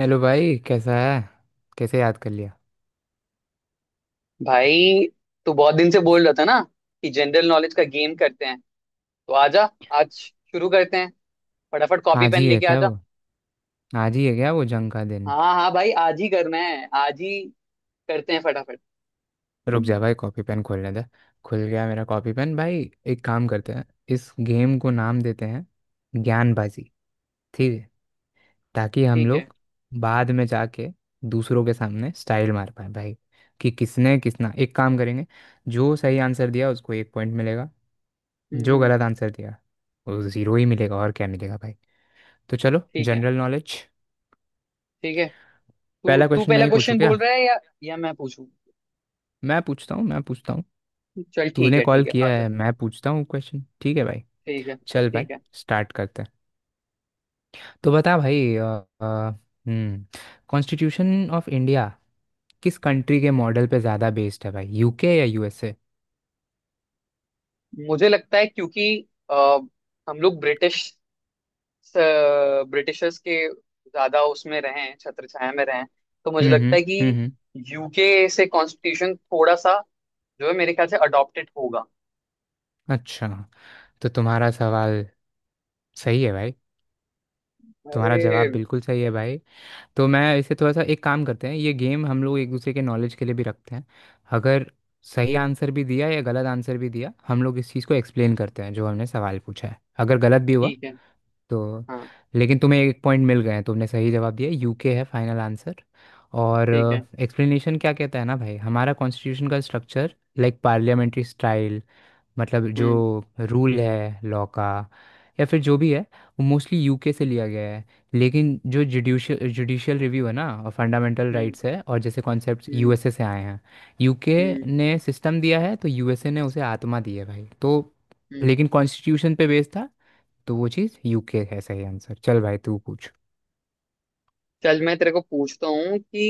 Hello भाई कैसा है। कैसे याद कर लिया। भाई, तू बहुत दिन से बोल रहा था ना कि जनरल नॉलेज का गेम करते हैं। तो आजा, आज शुरू करते हैं, फटाफट कॉपी आज पेन ही है लेके क्या आजा। वो? जंग का दिन? हाँ हाँ भाई, आज ही करना है, आज ही करते हैं फटाफट। रुक जा भाई कॉपी पेन खोलने दे। खुल गया मेरा कॉपी पेन भाई। एक काम करते हैं, इस गेम को नाम देते हैं, ज्ञानबाजी। ठीक है। ताकि हम ठीक है। लोग बाद में जाके दूसरों के सामने स्टाइल मार पाए भाई। कि किसने किसना एक काम करेंगे, जो सही आंसर दिया उसको एक पॉइंट मिलेगा। हम्म जो हम्म, गलत आंसर दिया वो जीरो ही मिलेगा और क्या मिलेगा भाई। तो चलो ठीक है। General knowledge. ठीक है। तू पहला तू क्वेश्चन मैं पहला ही पूछूं क्वेश्चन क्या? बोल रहा है, या मैं पूछूं? मैं पूछता हूँ। चल ठीक तूने है कॉल ठीक है, किया आजा। है, मैं पूछता हूँ क्वेश्चन, ठीक है भाई। ठीक है। चल भाई, ठीक है। स्टार्ट करते हैं। तो बता भाई हम्म कॉन्स्टिट्यूशन ऑफ इंडिया किस कंट्री के मॉडल पे ज़्यादा बेस्ड है भाई, यूके या यूएसए? मुझे लगता है क्योंकि हम लोग ब्रिटिशर्स के ज्यादा उसमें रहे हैं, छत्र छाया में रहे हैं। तो मुझे हम्म हम्म लगता है कि हम्म हम्म। यूके से कॉन्स्टिट्यूशन थोड़ा सा जो है मेरे ख्याल से अडॉप्टेड होगा। अच्छा, तो तुम्हारा सवाल सही है भाई, तुम्हारा जवाब अरे, बिल्कुल सही है भाई। तो मैं इसे थोड़ा सा, एक काम करते हैं, ये गेम हम लोग एक दूसरे के नॉलेज के लिए भी रखते हैं। अगर सही आंसर भी दिया या गलत आंसर भी दिया, हम लोग इस चीज़ को एक्सप्लेन करते हैं जो हमने सवाल पूछा है, अगर गलत भी हुआ ठीक है। तो। हाँ, लेकिन तुम्हें एक पॉइंट मिल गए हैं, तुमने सही जवाब दिया, यूके है फाइनल आंसर। और ठीक है। एक्सप्लेनेशन क्या कहता है ना भाई, हमारा कॉन्स्टिट्यूशन का स्ट्रक्चर लाइक पार्लियामेंट्री स्टाइल, मतलब हम्म जो रूल है लॉ का या फिर जो भी है, वो मोस्टली यूके से लिया गया है। लेकिन जो जुडिशियल जुडिशियल रिव्यू है ना और फंडामेंटल हम्म राइट्स है और जैसे कॉन्सेप्ट्स, हम्म यूएसए से आए हैं। यूके हम्म ने सिस्टम दिया है तो यूएसए ने उसे आत्मा दी है भाई। तो हम्म। लेकिन कॉन्स्टिट्यूशन पे बेस्ड था, तो वो चीज़ यूके है सही आंसर। चल भाई तू पूछ। चल मैं तेरे को पूछता हूँ कि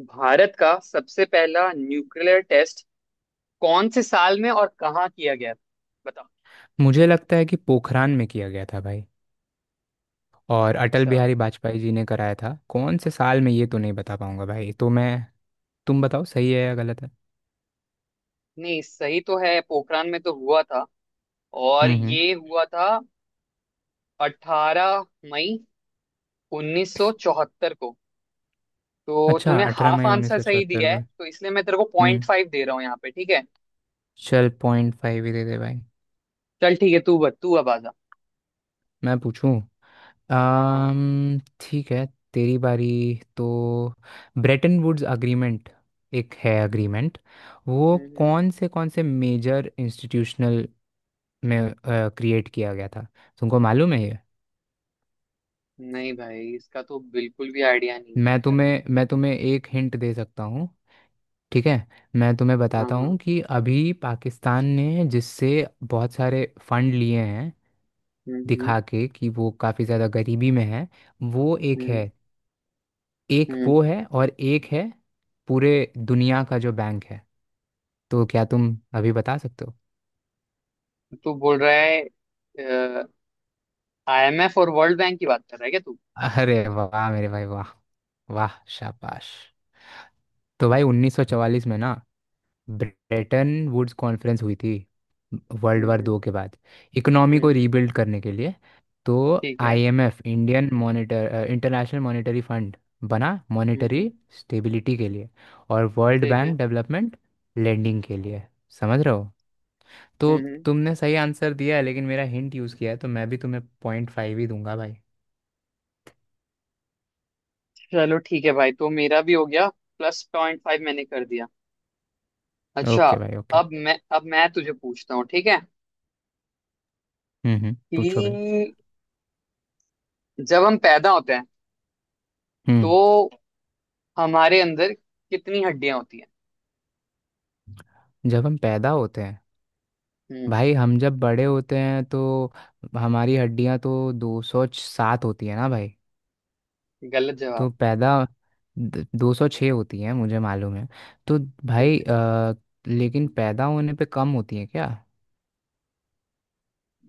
भारत का सबसे पहला न्यूक्लियर टेस्ट कौन से साल में और कहाँ किया गया था, बता। मुझे लगता है कि पोखरान में किया गया था भाई, और अटल अच्छा। बिहारी वाजपेयी जी ने कराया था। कौन से साल में ये तो नहीं बता पाऊंगा भाई, तो मैं, तुम बताओ सही है या गलत है। नहीं, सही तो है, पोखरान में तो हुआ था। और हम्म। हम्म। ये हुआ था 18 मई 1974 को। तो अच्छा, तूने अठारह हाफ मई उन्नीस आंसर सौ सही चौहत्तर दिया है, को। तो इसलिए मैं तेरे को हम्म। 0.5 दे रहा हूँ यहाँ पे। ठीक है। चल पॉइंट फाइव ही दे दे भाई। चल ठीक है, तू अब आजा। मैं पूछूं हाँ हाँ। ठीक है, तेरी बारी। तो ब्रेटन वुड्स अग्रीमेंट, एक है अग्रीमेंट, वो हम्म हम्म। कौन से मेजर इंस्टीट्यूशनल में क्रिएट किया गया था, तुमको मालूम है ये? नहीं भाई, इसका तो बिल्कुल भी आइडिया नहीं है मैं मुझे। तुम्हें मैं तुम्हें एक हिंट दे सकता हूँ, ठीक है? मैं तुम्हें हाँ बताता हाँ। हूँ कि अभी पाकिस्तान ने जिससे बहुत सारे फंड लिए हैं, हम्म हम्म दिखा के कि वो काफ़ी ज़्यादा गरीबी में है, वो एक हम्म है। एक हम्म। वो है और एक है पूरे दुनिया का जो बैंक है। तो क्या तुम अभी बता सकते हो? तू बोल रहा है, आईएमएफ और वर्ल्ड बैंक की बात कर रहा है क्या तू? अरे वाह मेरे भाई वाह, वाह शाबाश। तो भाई 1944 में ना ब्रेटन वुड्स कॉन्फ्रेंस हुई थी, वर्ल्ड हम्म वार हम्म दो के बाद, इकोनॉमी हम्म को हम्म। रीबिल्ड करने के लिए। तो ठीक है। IMF Indian monitor international monetary fund बना हम्म हम्म। मॉनेटरी स्टेबिलिटी के लिए, और वर्ल्ड ठीक है। बैंक डेवलपमेंट लेंडिंग के लिए, समझ रहे हो? तो हम्म हम्म। तुमने सही आंसर दिया है लेकिन मेरा हिंट यूज़ किया है, तो मैं भी तुम्हें पॉइंट फाइव ही दूंगा भाई। चलो ठीक है भाई, तो मेरा भी हो गया, प्लस 0.5 मैंने कर दिया। अच्छा। ओके भाई ओके। अब मैं तुझे पूछता हूँ, ठीक है? हम्म, पूछो भाई। कि जब हम पैदा होते हैं हम्म तो हमारे अंदर कितनी हड्डियां होती हैं? जब हम पैदा होते हैं, हम्म। भाई हम जब बड़े होते हैं तो हमारी हड्डियां तो दो सौ सात होती है ना भाई। गलत तो जवाब। पैदा दो सौ छः होती है मुझे मालूम है। तो ठीक भाई है, लेकिन पैदा होने पे कम होती है क्या?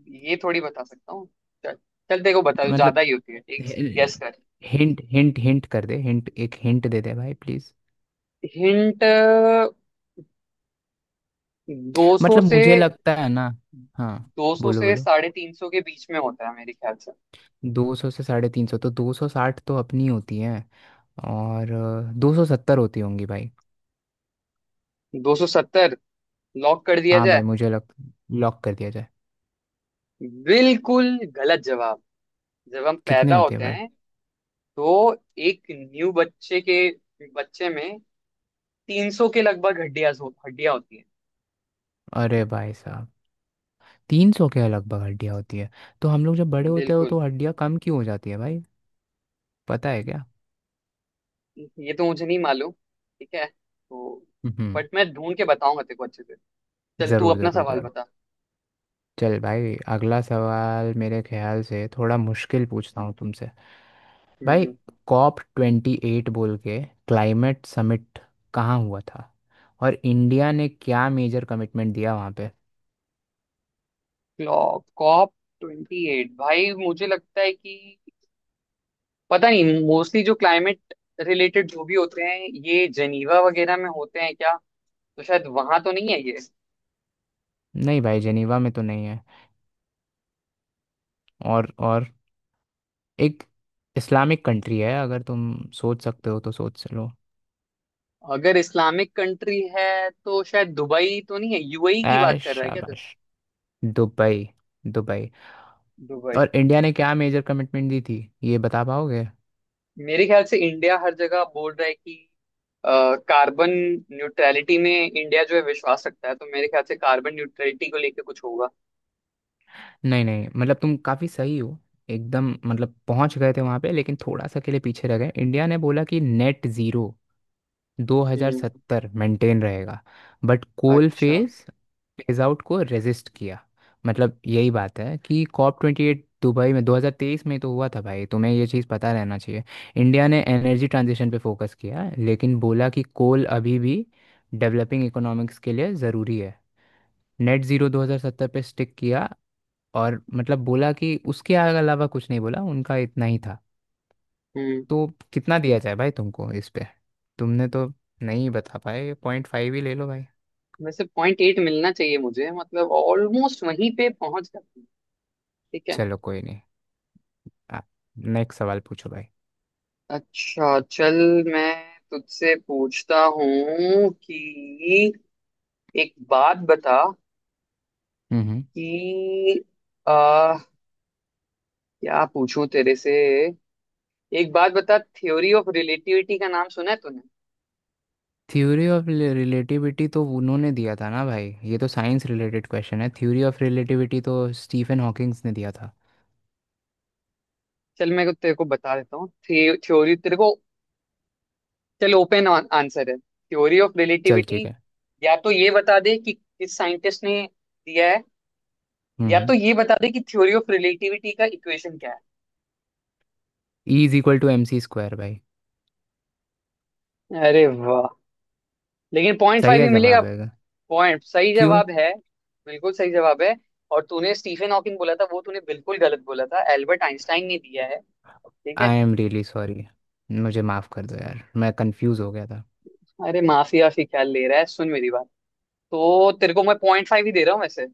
ये थोड़ी बता सकता हूँ। चल चल, देखो बता दो, मतलब ज्यादा ही होती है ठीक, गेस कर। हिंट हिंट हिंट कर दे हिंट एक हिंट दे दे भाई प्लीज। हिंट। दो सौ मतलब से मुझे लगता है ना। हाँ 200 बोलो से बोलो। 350 के बीच में होता है मेरे ख्याल से। दो सौ से साढ़े तीन सौ, तो दो सौ साठ तो अपनी होती है, और दो सौ सत्तर होती होंगी भाई। 270, लॉक कर दिया हाँ भाई जाए। मुझे लग लॉक कर दिया जाए। बिल्कुल गलत जवाब। जब हम कितने पैदा होते हैं होते भाई? हैं तो एक न्यू बच्चे में 300 के लगभग हड्डियां होती अरे भाई साहब, तीन सौ के लगभग हड्डियाँ होती है। तो हम लोग जब बड़े हैं। होते हो बिल्कुल। तो हड्डियाँ कम क्यों हो जाती है भाई, पता है क्या? ये तो मुझे नहीं मालूम। ठीक है तो हम्म। बट मैं ढूंढ के बताऊंगा तेरे को अच्छे से। चल तू ज़रूर अपना ज़रूर सवाल ज़रूर बता। चल भाई अगला सवाल मेरे ख्याल से थोड़ा मुश्किल पूछता हूँ तुमसे। भाई हम्म। कॉप ट्वेंटी एट बोल के क्लाइमेट समिट कहाँ हुआ था, और इंडिया ने क्या मेजर कमिटमेंट दिया वहाँ पे? क्लॉप कॉप ट्वेंटी एट, भाई मुझे लगता है कि पता नहीं, मोस्टली जो क्लाइमेट रिलेटेड जो भी होते हैं ये जेनीवा वगैरह में होते हैं क्या? तो शायद वहां तो नहीं है ये। नहीं भाई जेनीवा में तो नहीं है। और एक इस्लामिक कंट्री है, अगर तुम सोच सकते हो तो सोच लो। अगर इस्लामिक कंट्री है तो शायद दुबई तो नहीं है? यूएई की बात ऐश कर रहा है क्या? शाबाश। Dubai, Dubai. दुबई। और इंडिया ने क्या मेजर कमिटमेंट दी थी, ये बता पाओगे? मेरे ख्याल से इंडिया हर जगह बोल रहा है कि अ, कार्बन न्यूट्रलिटी में इंडिया जो है विश्वास रखता है, तो मेरे ख्याल से कार्बन न्यूट्रलिटी को लेके कुछ होगा। नहीं नहीं, मतलब तुम काफ़ी सही हो, एकदम मतलब पहुंच गए थे वहां पे, लेकिन थोड़ा सा के लिए पीछे रह गए। इंडिया ने बोला कि नेट ज़ीरो हम्म। 2070 मेंटेन रहेगा, बट कोल अच्छा। फेज फेज आउट को रेजिस्ट किया। मतलब यही बात है कि कॉप ट्वेंटी एट दुबई में 2023 में तो हुआ था भाई, तुम्हें ये चीज़ पता रहना चाहिए। इंडिया ने एनर्जी ट्रांजिशन पे फोकस किया, लेकिन बोला कि कोल अभी भी डेवलपिंग इकोनॉमिक्स के लिए ज़रूरी है। नेट ज़ीरो 2070 पे स्टिक किया, और मतलब बोला कि उसके अलावा कुछ नहीं बोला, उनका इतना ही था। हम्म। तो कितना दिया जाए भाई तुमको इस पे, तुमने तो नहीं बता पाए, पॉइंट फाइव ही ले लो भाई। वैसे 0.8 मिलना चाहिए मुझे, मतलब ऑलमोस्ट वहीं पे पहुंच जाती हूँ। ठीक है। चलो कोई नहीं, आप नेक्स्ट सवाल पूछो भाई। अच्छा चल, मैं तुझसे पूछता हूँ कि एक बात बता हम्म। कि आ, क्या पूछूं तेरे से? एक बात बता, थ्योरी ऑफ रिलेटिविटी का नाम सुना है तूने? थ्योरी ऑफ रिलेटिविटी तो उन्होंने दिया था ना भाई, ये तो साइंस रिलेटेड क्वेश्चन है। थ्योरी ऑफ रिलेटिविटी तो स्टीफन हॉकिंग्स ने दिया था। चल मैं तेरे को बता देता हूँ। थ्योरी तेरे को, चल ओपन आंसर है थ्योरी ऑफ चल रिलेटिविटी। ठीक है। या तो ये बता दे कि किस साइंटिस्ट ने दिया है, या हम्म। तो ये बता दे कि थ्योरी ऑफ रिलेटिविटी का इक्वेशन क्या E is equal to M C square भाई। है। अरे वाह, लेकिन पॉइंट सही फाइव है ही मिलेगा। जवाब है, पॉइंट सही क्यों? जवाब है, बिल्कुल सही जवाब है। और तूने स्टीफन हॉकिंग बोला था, वो तूने बिल्कुल गलत बोला था। एल्बर्ट आइंस्टाइन ने दिया है। ठीक है। आई एम रियली सॉरी, मुझे माफ़ कर दो यार, मैं कंफ्यूज हो गया था। अरे माफी आफी ख्याल ले रहा है, सुन मेरी बात। तो तेरे को मैं 0.5 ही दे रहा हूँ वैसे।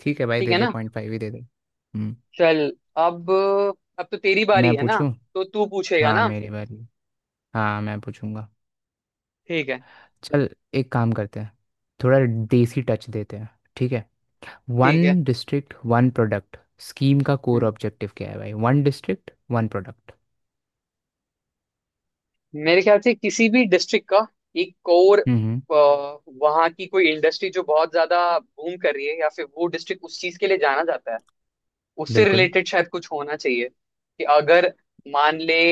ठीक है भाई ठीक दे है दे, ना? पॉइंट फाइव ही दे दे। हम्म। चल। अब अब तो तेरी बारी मैं है ना? पूछूं? तो तू पूछेगा हाँ ना? मेरी बारी, हाँ मैं पूछूंगा। ठीक है। चल, एक काम करते हैं, थोड़ा देसी टच देते हैं, ठीक है। ठीक है। One district one product scheme का कोर हम्म। ऑब्जेक्टिव क्या है भाई, वन डिस्ट्रिक्ट वन प्रोडक्ट? मेरे ख्याल से किसी भी डिस्ट्रिक्ट का एक कोर हम्म। वहाँ की कोई इंडस्ट्री जो बहुत ज्यादा बूम कर रही है, या फिर वो डिस्ट्रिक्ट उस चीज के लिए जाना जाता है, उससे बिल्कुल। रिलेटेड शायद कुछ होना चाहिए। कि अगर मान ले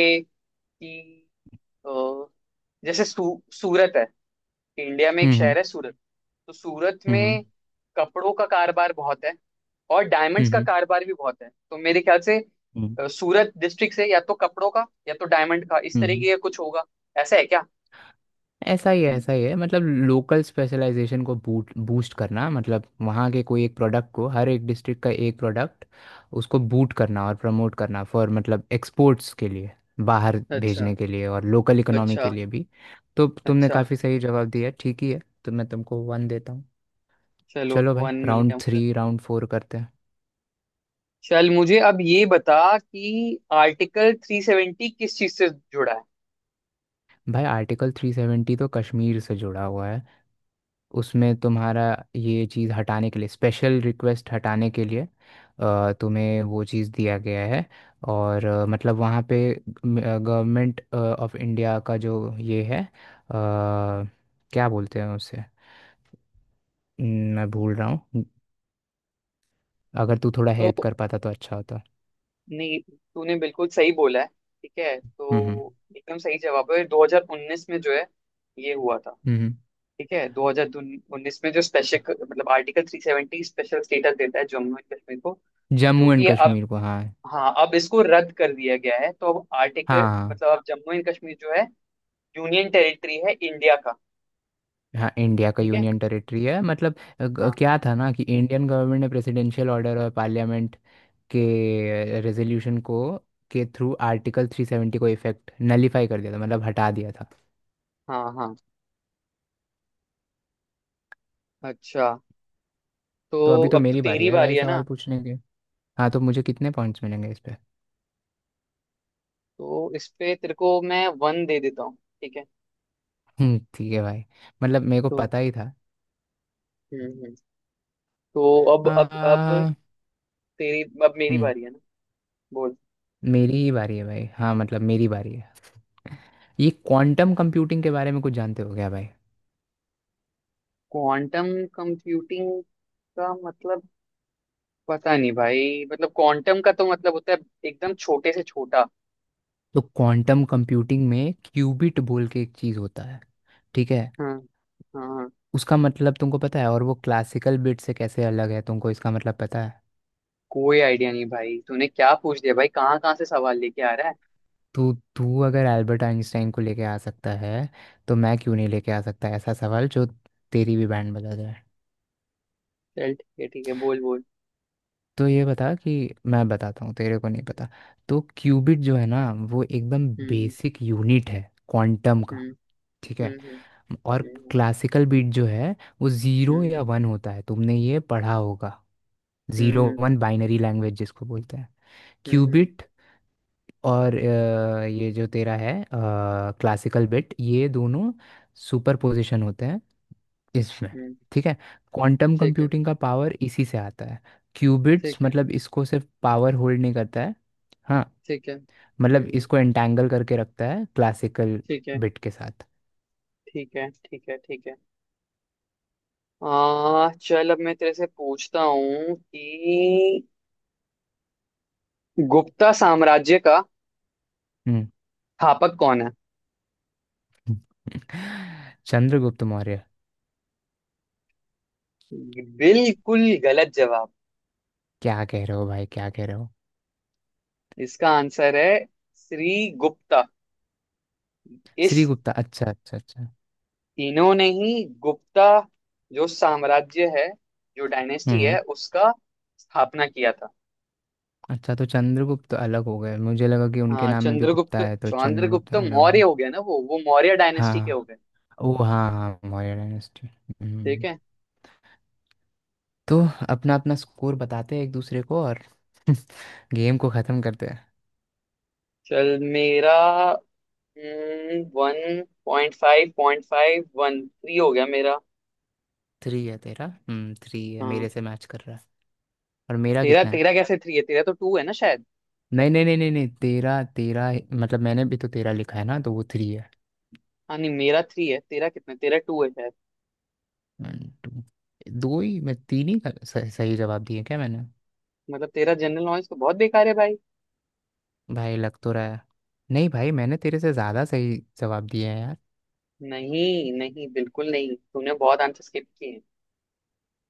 कि अ, जैसे सूरत है, इंडिया में एक हम्म। शहर है सूरत। तो सूरत हम्म में कपड़ों का कारोबार बहुत है, और डायमंड्स का हम्म कारोबार भी बहुत है। तो मेरे ख्याल से हम्म सूरत डिस्ट्रिक्ट से या तो कपड़ों का या तो डायमंड का इस हम्म तरीके का कुछ होगा। ऐसा है क्या? ऐसा ही है, ऐसा ही है, मतलब लोकल स्पेशलाइजेशन को बूट बूस्ट करना, मतलब वहाँ के कोई एक प्रोडक्ट को, हर एक डिस्ट्रिक्ट का एक प्रोडक्ट, उसको बूट करना और प्रमोट करना फॉर, मतलब एक्सपोर्ट्स के लिए, बाहर अच्छा भेजने के लिए और लोकल इकोनॉमी अच्छा के लिए भी। तो तुमने अच्छा। काफ़ी सही जवाब दिया, ठीक ही है, तो मैं तुमको वन देता हूँ। चलो चलो भाई, वन मिल राउंड गया मुझे। थ्री राउंड फोर करते हैं। चल मुझे अब ये बता कि आर्टिकल 370 किस चीज से जुड़ा है? भाई आर्टिकल थ्री सेवेंटी तो कश्मीर से जुड़ा हुआ है। उसमें तुम्हारा ये चीज़ हटाने के लिए, स्पेशल रिक्वेस्ट हटाने के लिए तुम्हें वो चीज़ दिया गया है। और मतलब वहाँ पे गवर्नमेंट ऑफ इंडिया का जो ये है क्या बोलते हैं उसे, मैं भूल रहा हूँ। अगर तू थोड़ा तो हेल्प कर पाता तो अच्छा होता। नहीं, तूने बिल्कुल सही बोला है। ठीक है, हम्म। तो एकदम सही जवाब है। 2019 में जो है ये हुआ था। हम्म, हम्म। ठीक है, 2019 में जो स्पेशल मतलब आर्टिकल 370 स्पेशल स्टेटस देता है जम्मू एंड कश्मीर को, जो जम्मू एंड कि अब, कश्मीर को, हाँ हाँ, अब इसको रद्द कर दिया गया है। तो अब आर्टिकल हाँ। हाँ। मतलब अब जम्मू एंड कश्मीर जो है यूनियन टेरिटरी है इंडिया का। हाँ इंडिया का ठीक है। यूनियन टेरिटरी है, मतलब हाँ। क्या था ना कि इंडियन गवर्नमेंट ने प्रेसिडेंशियल ऑर्डर और पार्लियामेंट के रेजोल्यूशन को, के थ्रू आर्टिकल 370 को इफेक्ट नलीफाई कर दिया था, मतलब हटा दिया था। हाँ हाँ। अच्छा, तो तो अभी तो अब तो मेरी बारी तेरी है बारी भाई है ना? सवाल पूछने के। हाँ तो मुझे कितने पॉइंट्स मिलेंगे इस पे? तो इस पे तेरे को मैं वन दे देता हूँ। ठीक है। ठीक है भाई, मतलब मेरे को तो पता ही था। हम्म हम्म। तो अब आ, तेरी अब मेरी हम्म बारी है ना? बोल। मेरी ही बारी है भाई, हाँ मतलब मेरी बारी है। ये क्वांटम कंप्यूटिंग के बारे में कुछ जानते हो क्या भाई? क्वांटम कंप्यूटिंग का मतलब पता नहीं भाई, मतलब क्वांटम का तो मतलब होता है एकदम छोटे से छोटा। तो क्वांटम कंप्यूटिंग में क्यूबिट बोल के एक चीज़ होता है, ठीक है। हाँ हाँ। उसका मतलब तुमको पता है, और वो क्लासिकल बिट से कैसे अलग है तुमको इसका मतलब पता है? कोई आइडिया नहीं भाई, तूने क्या पूछ लिया भाई, कहाँ कहाँ से सवाल लेके आ रहा है? तो तू अगर एल्बर्ट आइंस्टाइन को लेके आ सकता है, तो मैं क्यों नहीं लेके आ सकता ऐसा सवाल जो तेरी भी बैंड बजा जाए। चल ठीक है ठीक है, बोल बोल। तो ये बता कि, मैं बताता हूँ तेरे को नहीं पता। तो क्यूबिट जो है ना, वो एकदम हम्म बेसिक यूनिट है क्वांटम का, हम्म ठीक है। हम्म और हम्म क्लासिकल बिट जो है, वो ज़ीरो या हम्म वन होता है, तुमने ये पढ़ा होगा, जीरो हम्म वन बाइनरी लैंग्वेज जिसको बोलते हैं। हम्म हम्म क्यूबिट और ये जो तेरा है क्लासिकल बिट, ये दोनों सुपर पोजिशन होते हैं इसमें, हम्म। ठीक है। क्वांटम ठीक है। कंप्यूटिंग का पावर इसी से आता है। क्यूबिट्स, ठीक है। मतलब इसको सिर्फ पावर होल्ड नहीं करता है। हाँ, ठीक है। मतलब इसको एंटैंगल करके रखता है क्लासिकल ठीक है। बिट के साथ। ठीक है। ठीक है। ठीक है। आ चल, अब मैं तेरे से पूछता हूँ कि गुप्ता साम्राज्य का हम्म। स्थापक कौन है? चंद्रगुप्त मौर्य। बिल्कुल गलत जवाब। क्या कह रहे हो भाई क्या कह रहे हो? इसका आंसर है श्री गुप्ता। इस श्रीगुप्ता, अच्छा अच्छा अच्छा। तीनों ने ही गुप्ता जो साम्राज्य है, जो डायनेस्टी हम्म। है, उसका स्थापना किया था। अच्छा, तो चंद्रगुप्त अलग हो गए, मुझे लगा कि उनके हाँ, नाम में भी गुप्ता चंद्रगुप्त है तो चंद्रगुप्त चंद्रगुप्त अलग मौर्य हो। हो गया ना वो मौर्य डायनेस्टी के हो हाँ, गए। ओ हाँ हाँ मौर्य डायनेस्टी, ठीक हम्म। है। तो अपना अपना स्कोर बताते हैं एक दूसरे को, और गेम को ख़त्म करते हैं। चल, मेरा वन 0.5 0.5 वन थ्री हो गया मेरा। थ्री है तेरा, थ्री है, मेरे हाँ, से मैच कर रहा है। और मेरा तेरा कितना है? तेरा कैसे थ्री है? तेरा तो टू है ना शायद। नहीं नहीं नहीं नहीं नहीं, तेरा तेरा है- मतलब मैंने भी तो तेरा लिखा है ना, तो वो थ्री है। हाँ नहीं, मेरा थ्री है, तेरा टू है शायद। वन, टू, दो ही मैं तीन ही का- सही सही जवाब दिए क्या मैंने? मतलब तेरा जनरल नॉलेज तो बहुत बेकार है भाई। भाई लग तो रहा है। नहीं भाई, मैंने तेरे से ज़्यादा सही जवाब दिए हैं यार। नहीं नहीं बिल्कुल नहीं, तूने बहुत आंसर स्किप किए हैं।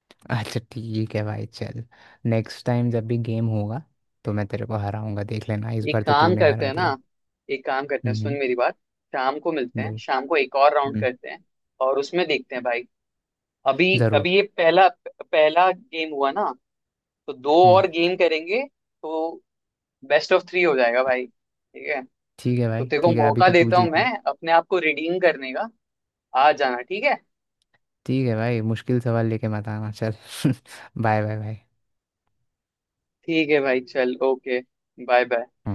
अच्छा ठीक है भाई चल, नेक्स्ट टाइम जब भी गेम होगा, तो मैं तेरे को हराऊंगा, देख लेना, इस एक बार तो काम तूने करते हरा हैं ना, दिया। एक काम करते हैं, हम्म, सुन मेरी बात। शाम को मिलते हैं, बोल। शाम को एक और राउंड हम्म। करते हैं और उसमें देखते हैं भाई। अभी ज़रूर। अभी ये पहला पहला गेम हुआ ना, तो दो हम्म। और गेम करेंगे, तो बेस्ट ऑफ थ्री हो जाएगा भाई। ठीक है? ठीक है तो भाई तेरे को ठीक है, अभी मौका तो तू देता हूँ जीत मैं गया। अपने आप को रिडीम करने का। आ जाना। ठीक है। ठीक है भाई, मुश्किल सवाल लेके मत आना चल। बाय बाय भाई। ठीक है भाई चल, ओके। Bye bye. हम्म।